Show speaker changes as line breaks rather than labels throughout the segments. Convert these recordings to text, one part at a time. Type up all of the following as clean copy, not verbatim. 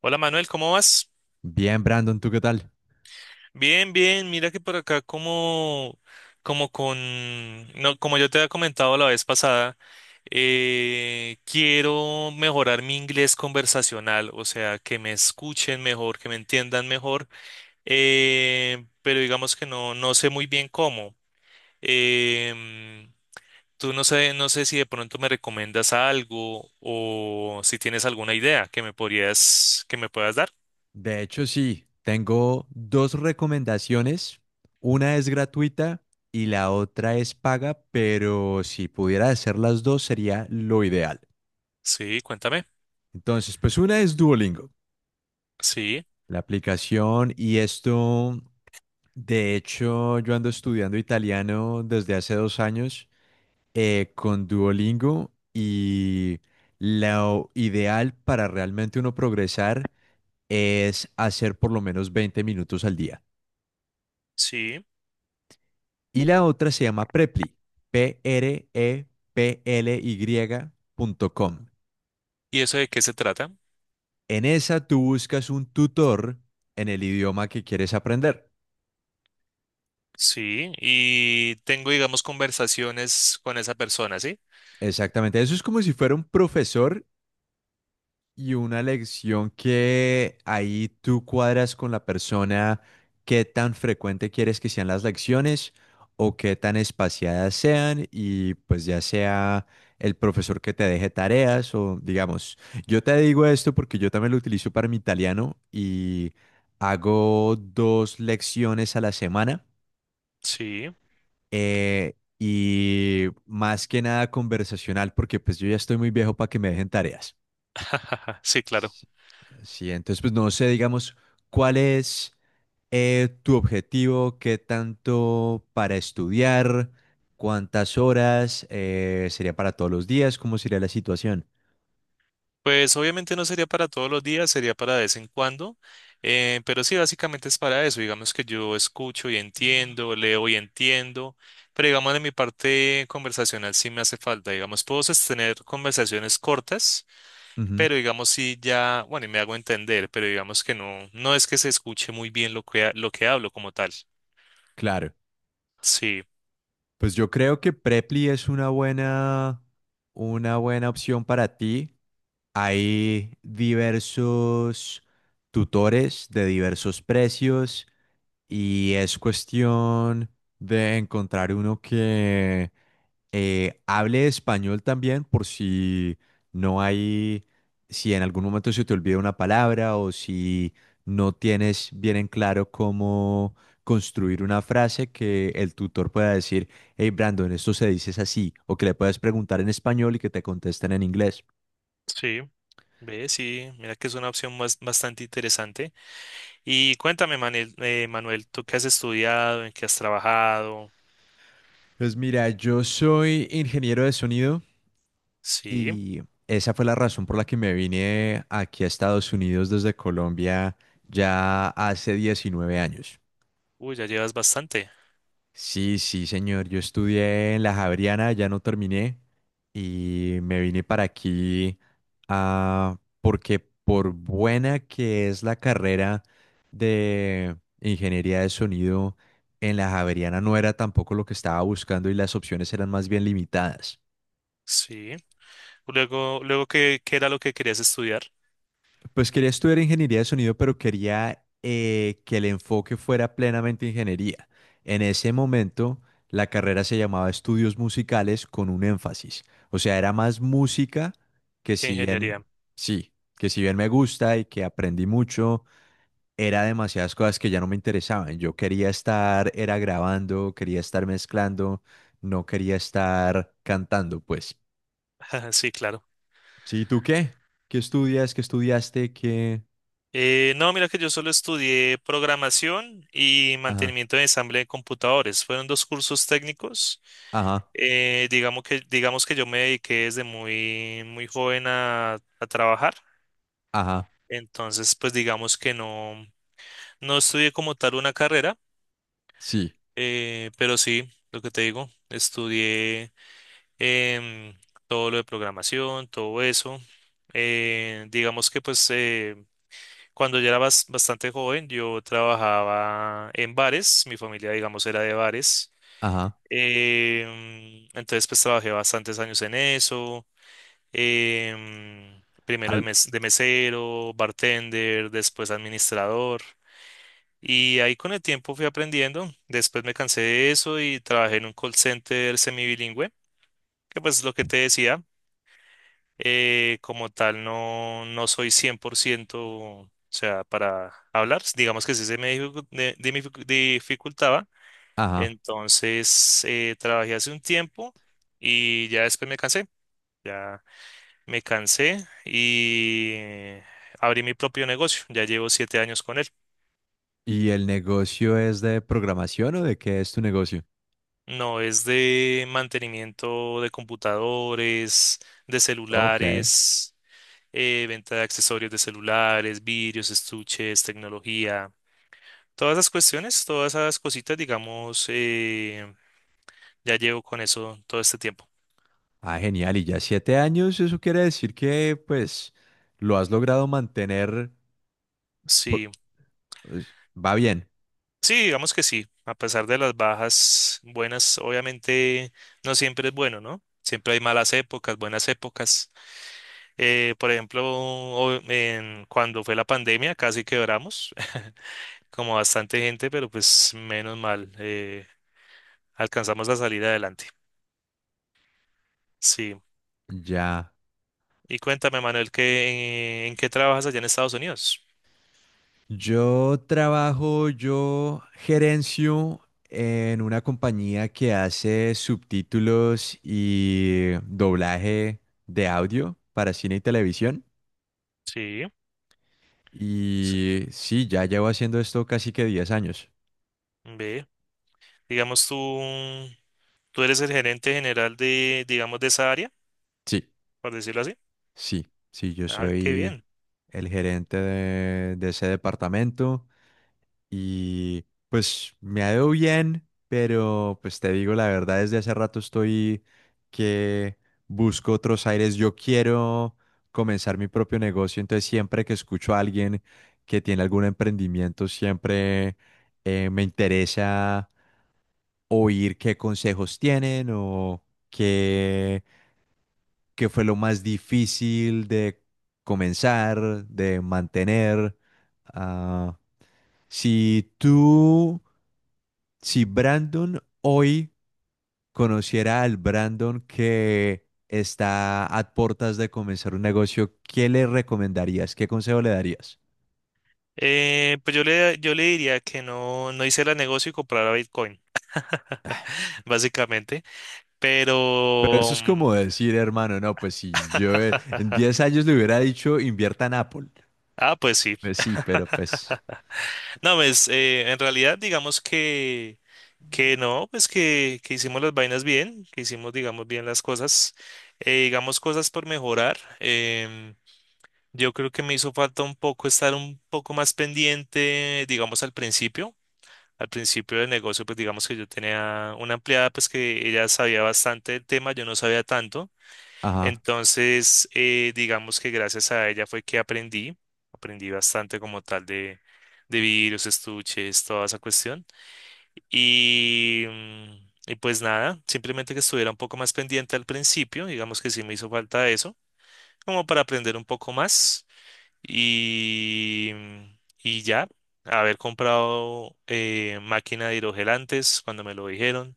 Hola Manuel, ¿cómo vas?
Bien, Brandon, ¿tú qué tal?
Bien, bien, mira que por acá como, como con, no, como yo te había comentado la vez pasada, quiero mejorar mi inglés conversacional, o sea, que me escuchen mejor, que me entiendan mejor, pero digamos que no sé muy bien cómo. Em, Tú no sé si de pronto me recomiendas algo o si tienes alguna idea que me puedas dar.
De hecho, sí, tengo dos recomendaciones. Una es gratuita y la otra es paga, pero si pudiera hacer las dos sería lo ideal.
Sí, cuéntame.
Entonces, pues una es Duolingo,
Sí,
la aplicación y esto, de hecho, yo ando estudiando italiano desde hace 2 años con Duolingo y lo ideal para realmente uno progresar es hacer por lo menos 20 minutos al día.
sí.
Y la otra se llama Preply, Preply.com.
¿Y eso de qué se trata?
En esa tú buscas un tutor en el idioma que quieres aprender.
Sí, y tengo, digamos, conversaciones con esa persona, ¿sí?
Exactamente, eso es como si fuera un profesor. Y una lección que ahí tú cuadras con la persona, qué tan frecuente quieres que sean las lecciones o qué tan espaciadas sean y pues ya sea el profesor que te deje tareas o digamos, yo te digo esto porque yo también lo utilizo para mi italiano y hago dos lecciones a la semana,
Sí.
y más que nada conversacional porque pues yo ya estoy muy viejo para que me dejen tareas.
Sí, claro.
S- Sí, entonces pues no sé, digamos, ¿cuál es tu objetivo? ¿Qué tanto para estudiar? ¿Cuántas horas? ¿Sería para todos los días? ¿Cómo sería la situación?
Pues obviamente no sería para todos los días, sería para de vez en cuando, pero sí, básicamente es para eso, digamos que yo escucho y entiendo, leo y entiendo, pero digamos de mi parte conversacional sí me hace falta, digamos, puedo sostener conversaciones cortas,
Ujú,
pero digamos sí ya, bueno, y me hago entender, pero digamos que no es que se escuche muy bien lo que, lo que hablo como tal.
claro.
Sí,
Pues yo creo que Preply es una buena opción para ti. Hay diversos tutores de diversos precios y es cuestión de encontrar uno que hable español también por si no hay, si en algún momento se te olvida una palabra o si no tienes bien en claro cómo construir una frase que el tutor pueda decir, hey Brandon, esto se dice es así, o que le puedas preguntar en español y que te contesten en inglés.
sí, ve, sí, mira que es una opción más, bastante interesante. Y cuéntame, Manuel, ¿tú qué has estudiado? ¿En qué has trabajado?
Pues mira, yo soy ingeniero de sonido
Sí.
y esa fue la razón por la que me vine aquí a Estados Unidos desde Colombia ya hace 19 años.
Uy, ya llevas bastante.
Sí, sí, señor. Yo estudié en la Javeriana, ya no terminé y me vine para aquí, porque por buena que es la carrera de ingeniería de sonido, en la Javeriana no era tampoco lo que estaba buscando y las opciones eran más bien limitadas.
Sí. Luego, luego, ¿qué era lo que querías estudiar?
Pues quería estudiar ingeniería de sonido, pero quería que el enfoque fuera plenamente ingeniería. En ese momento, la carrera se llamaba estudios musicales con un énfasis. O sea, era más música que
¿Qué
si bien,
ingeniería?
sí, que si bien me gusta y que aprendí mucho, era demasiadas cosas que ya no me interesaban. Yo quería estar, era grabando, quería estar mezclando, no quería estar cantando, pues.
Sí, claro.
Sí, ¿tú qué? ¿Qué estudias? ¿Qué estudiaste? ¿Qué?
No, mira que yo solo estudié programación y
Ajá,
mantenimiento de ensamble de computadores. Fueron dos cursos técnicos.
ajá.
Digamos que yo me dediqué desde muy, muy joven a trabajar.
Ajá,
Entonces, pues digamos que no estudié como tal una carrera.
sí,
Pero sí, lo que te digo, estudié em, todo lo de programación, todo eso. Digamos que pues cuando ya era bastante joven, yo trabajaba en bares, mi familia digamos era de bares.
ajá,
Entonces pues trabajé bastantes años en eso. Primero
al,
de mesero, bartender, después administrador. Y ahí con el tiempo fui aprendiendo. Después me cansé de eso y trabajé en un call center semibilingüe, que pues es lo que te decía. Como tal, no soy 100%, o sea, para hablar. Digamos que sí se me dificultaba.
ajá.
Entonces, trabajé hace un tiempo y ya después me cansé. Ya me cansé y abrí mi propio negocio. Ya llevo 7 años con él.
¿Y el negocio es de programación o de qué es tu negocio?
No, es de mantenimiento de computadores, de
Ok,
celulares, venta de accesorios de celulares, vidrios, estuches, tecnología. Todas esas cuestiones, todas esas cositas, digamos, ya llevo con eso todo este tiempo.
ah, genial. Y ya 7 años, eso quiere decir que, pues, lo has logrado mantener, por-
Sí,
pues, va bien.
sí, digamos que sí. A pesar de las bajas buenas, obviamente no siempre es bueno, ¿no? Siempre hay malas épocas, buenas épocas. Por ejemplo, cuando fue la pandemia, casi quebramos. Como bastante gente, pero pues menos mal, alcanzamos a salir adelante. Sí.
Ya.
Y cuéntame, Manuel, ¿qué, qué trabajas allá en Estados Unidos?
Yo trabajo, yo gerencio en una compañía que hace subtítulos y doblaje de audio para cine y televisión.
Sí. Sí,
Y sí, ya llevo haciendo esto casi que 10 años.
ve. Digamos, tú eres el gerente general de, digamos, de esa área,
Sí,
por decirlo así.
sí, sí, yo
Ah, qué
soy
bien.
el gerente de ese departamento y pues me ha ido bien, pero pues te digo la verdad, desde hace rato estoy que busco otros aires. Yo quiero comenzar mi propio negocio, entonces siempre que escucho a alguien que tiene algún emprendimiento, siempre me interesa oír qué consejos tienen o qué, qué fue lo más difícil de comenzar, de mantener. Ah, si tú, si Brandon hoy conociera al Brandon que está a puertas de comenzar un negocio, ¿qué le recomendarías? ¿Qué consejo le darías?
Pues yo le diría que no hice el negocio y comprara Bitcoin, básicamente.
Pero eso
Pero.
es como decir, hermano, no, pues si yo en 10 años le hubiera dicho, invierta en Apple.
Ah, pues sí.
Pues sí, pero pues.
No, pues en realidad digamos que no, pues que hicimos las vainas bien, que hicimos digamos bien las cosas, digamos cosas por mejorar. Yo creo que me hizo falta un poco estar un poco más pendiente, digamos al principio. Al principio del negocio, pues digamos que yo tenía una empleada, pues que ella sabía bastante del tema, yo no sabía tanto.
Ajá.
Entonces, digamos que gracias a ella fue que aprendí, aprendí bastante como tal de virus, estuches, toda esa cuestión. Y pues nada, simplemente que estuviera un poco más pendiente al principio, digamos que sí me hizo falta eso, como para aprender un poco más. Y ya, haber comprado máquina de hidrogel antes, cuando me lo dijeron,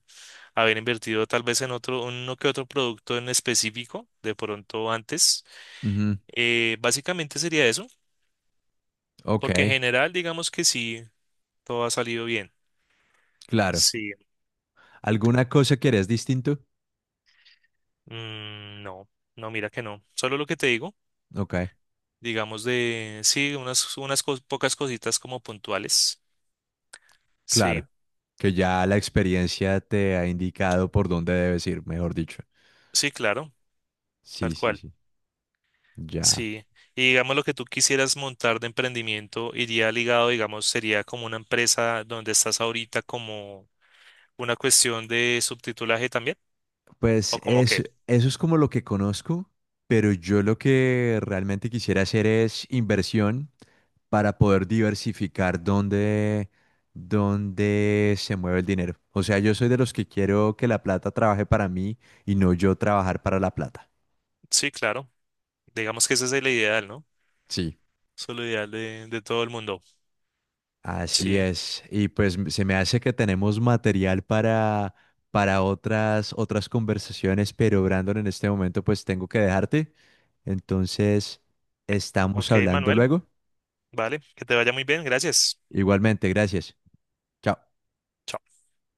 haber invertido tal vez en otro, uno que otro producto en específico, de pronto antes
Ujú.
básicamente sería eso,
Ok,
porque en general digamos que sí, todo ha salido bien.
claro.
Sí.
¿Alguna cosa que eres distinto?
No, no, mira que no. Solo lo que te digo,
Ok,
digamos de, sí, unas pocas cositas como puntuales.
claro.
Sí,
Que ya la experiencia te ha indicado por dónde debes ir, mejor dicho.
sí, claro,
Sí,
tal
sí,
cual.
sí. Ya.
Sí. Y digamos lo que tú quisieras montar de emprendimiento iría ligado, digamos, sería como una empresa donde estás ahorita como una cuestión de subtitulaje también, o como qué.
Eso es como lo que conozco, pero yo lo que realmente quisiera hacer es inversión para poder diversificar dónde se mueve el dinero. O sea, yo soy de los que quiero que la plata trabaje para mí y no yo trabajar para la plata.
Sí, claro. Digamos que esa es la ideal, ¿no?
Sí.
Solo ideal de todo el mundo.
Así
Sí.
es. Y pues se me hace que tenemos material para otras, otras conversaciones, pero Brandon, en este momento pues tengo que dejarte. Entonces, estamos
Ok,
hablando
Manuel.
luego.
Vale, que te vaya muy bien. Gracias.
Igualmente, gracias. Chao.
Chao.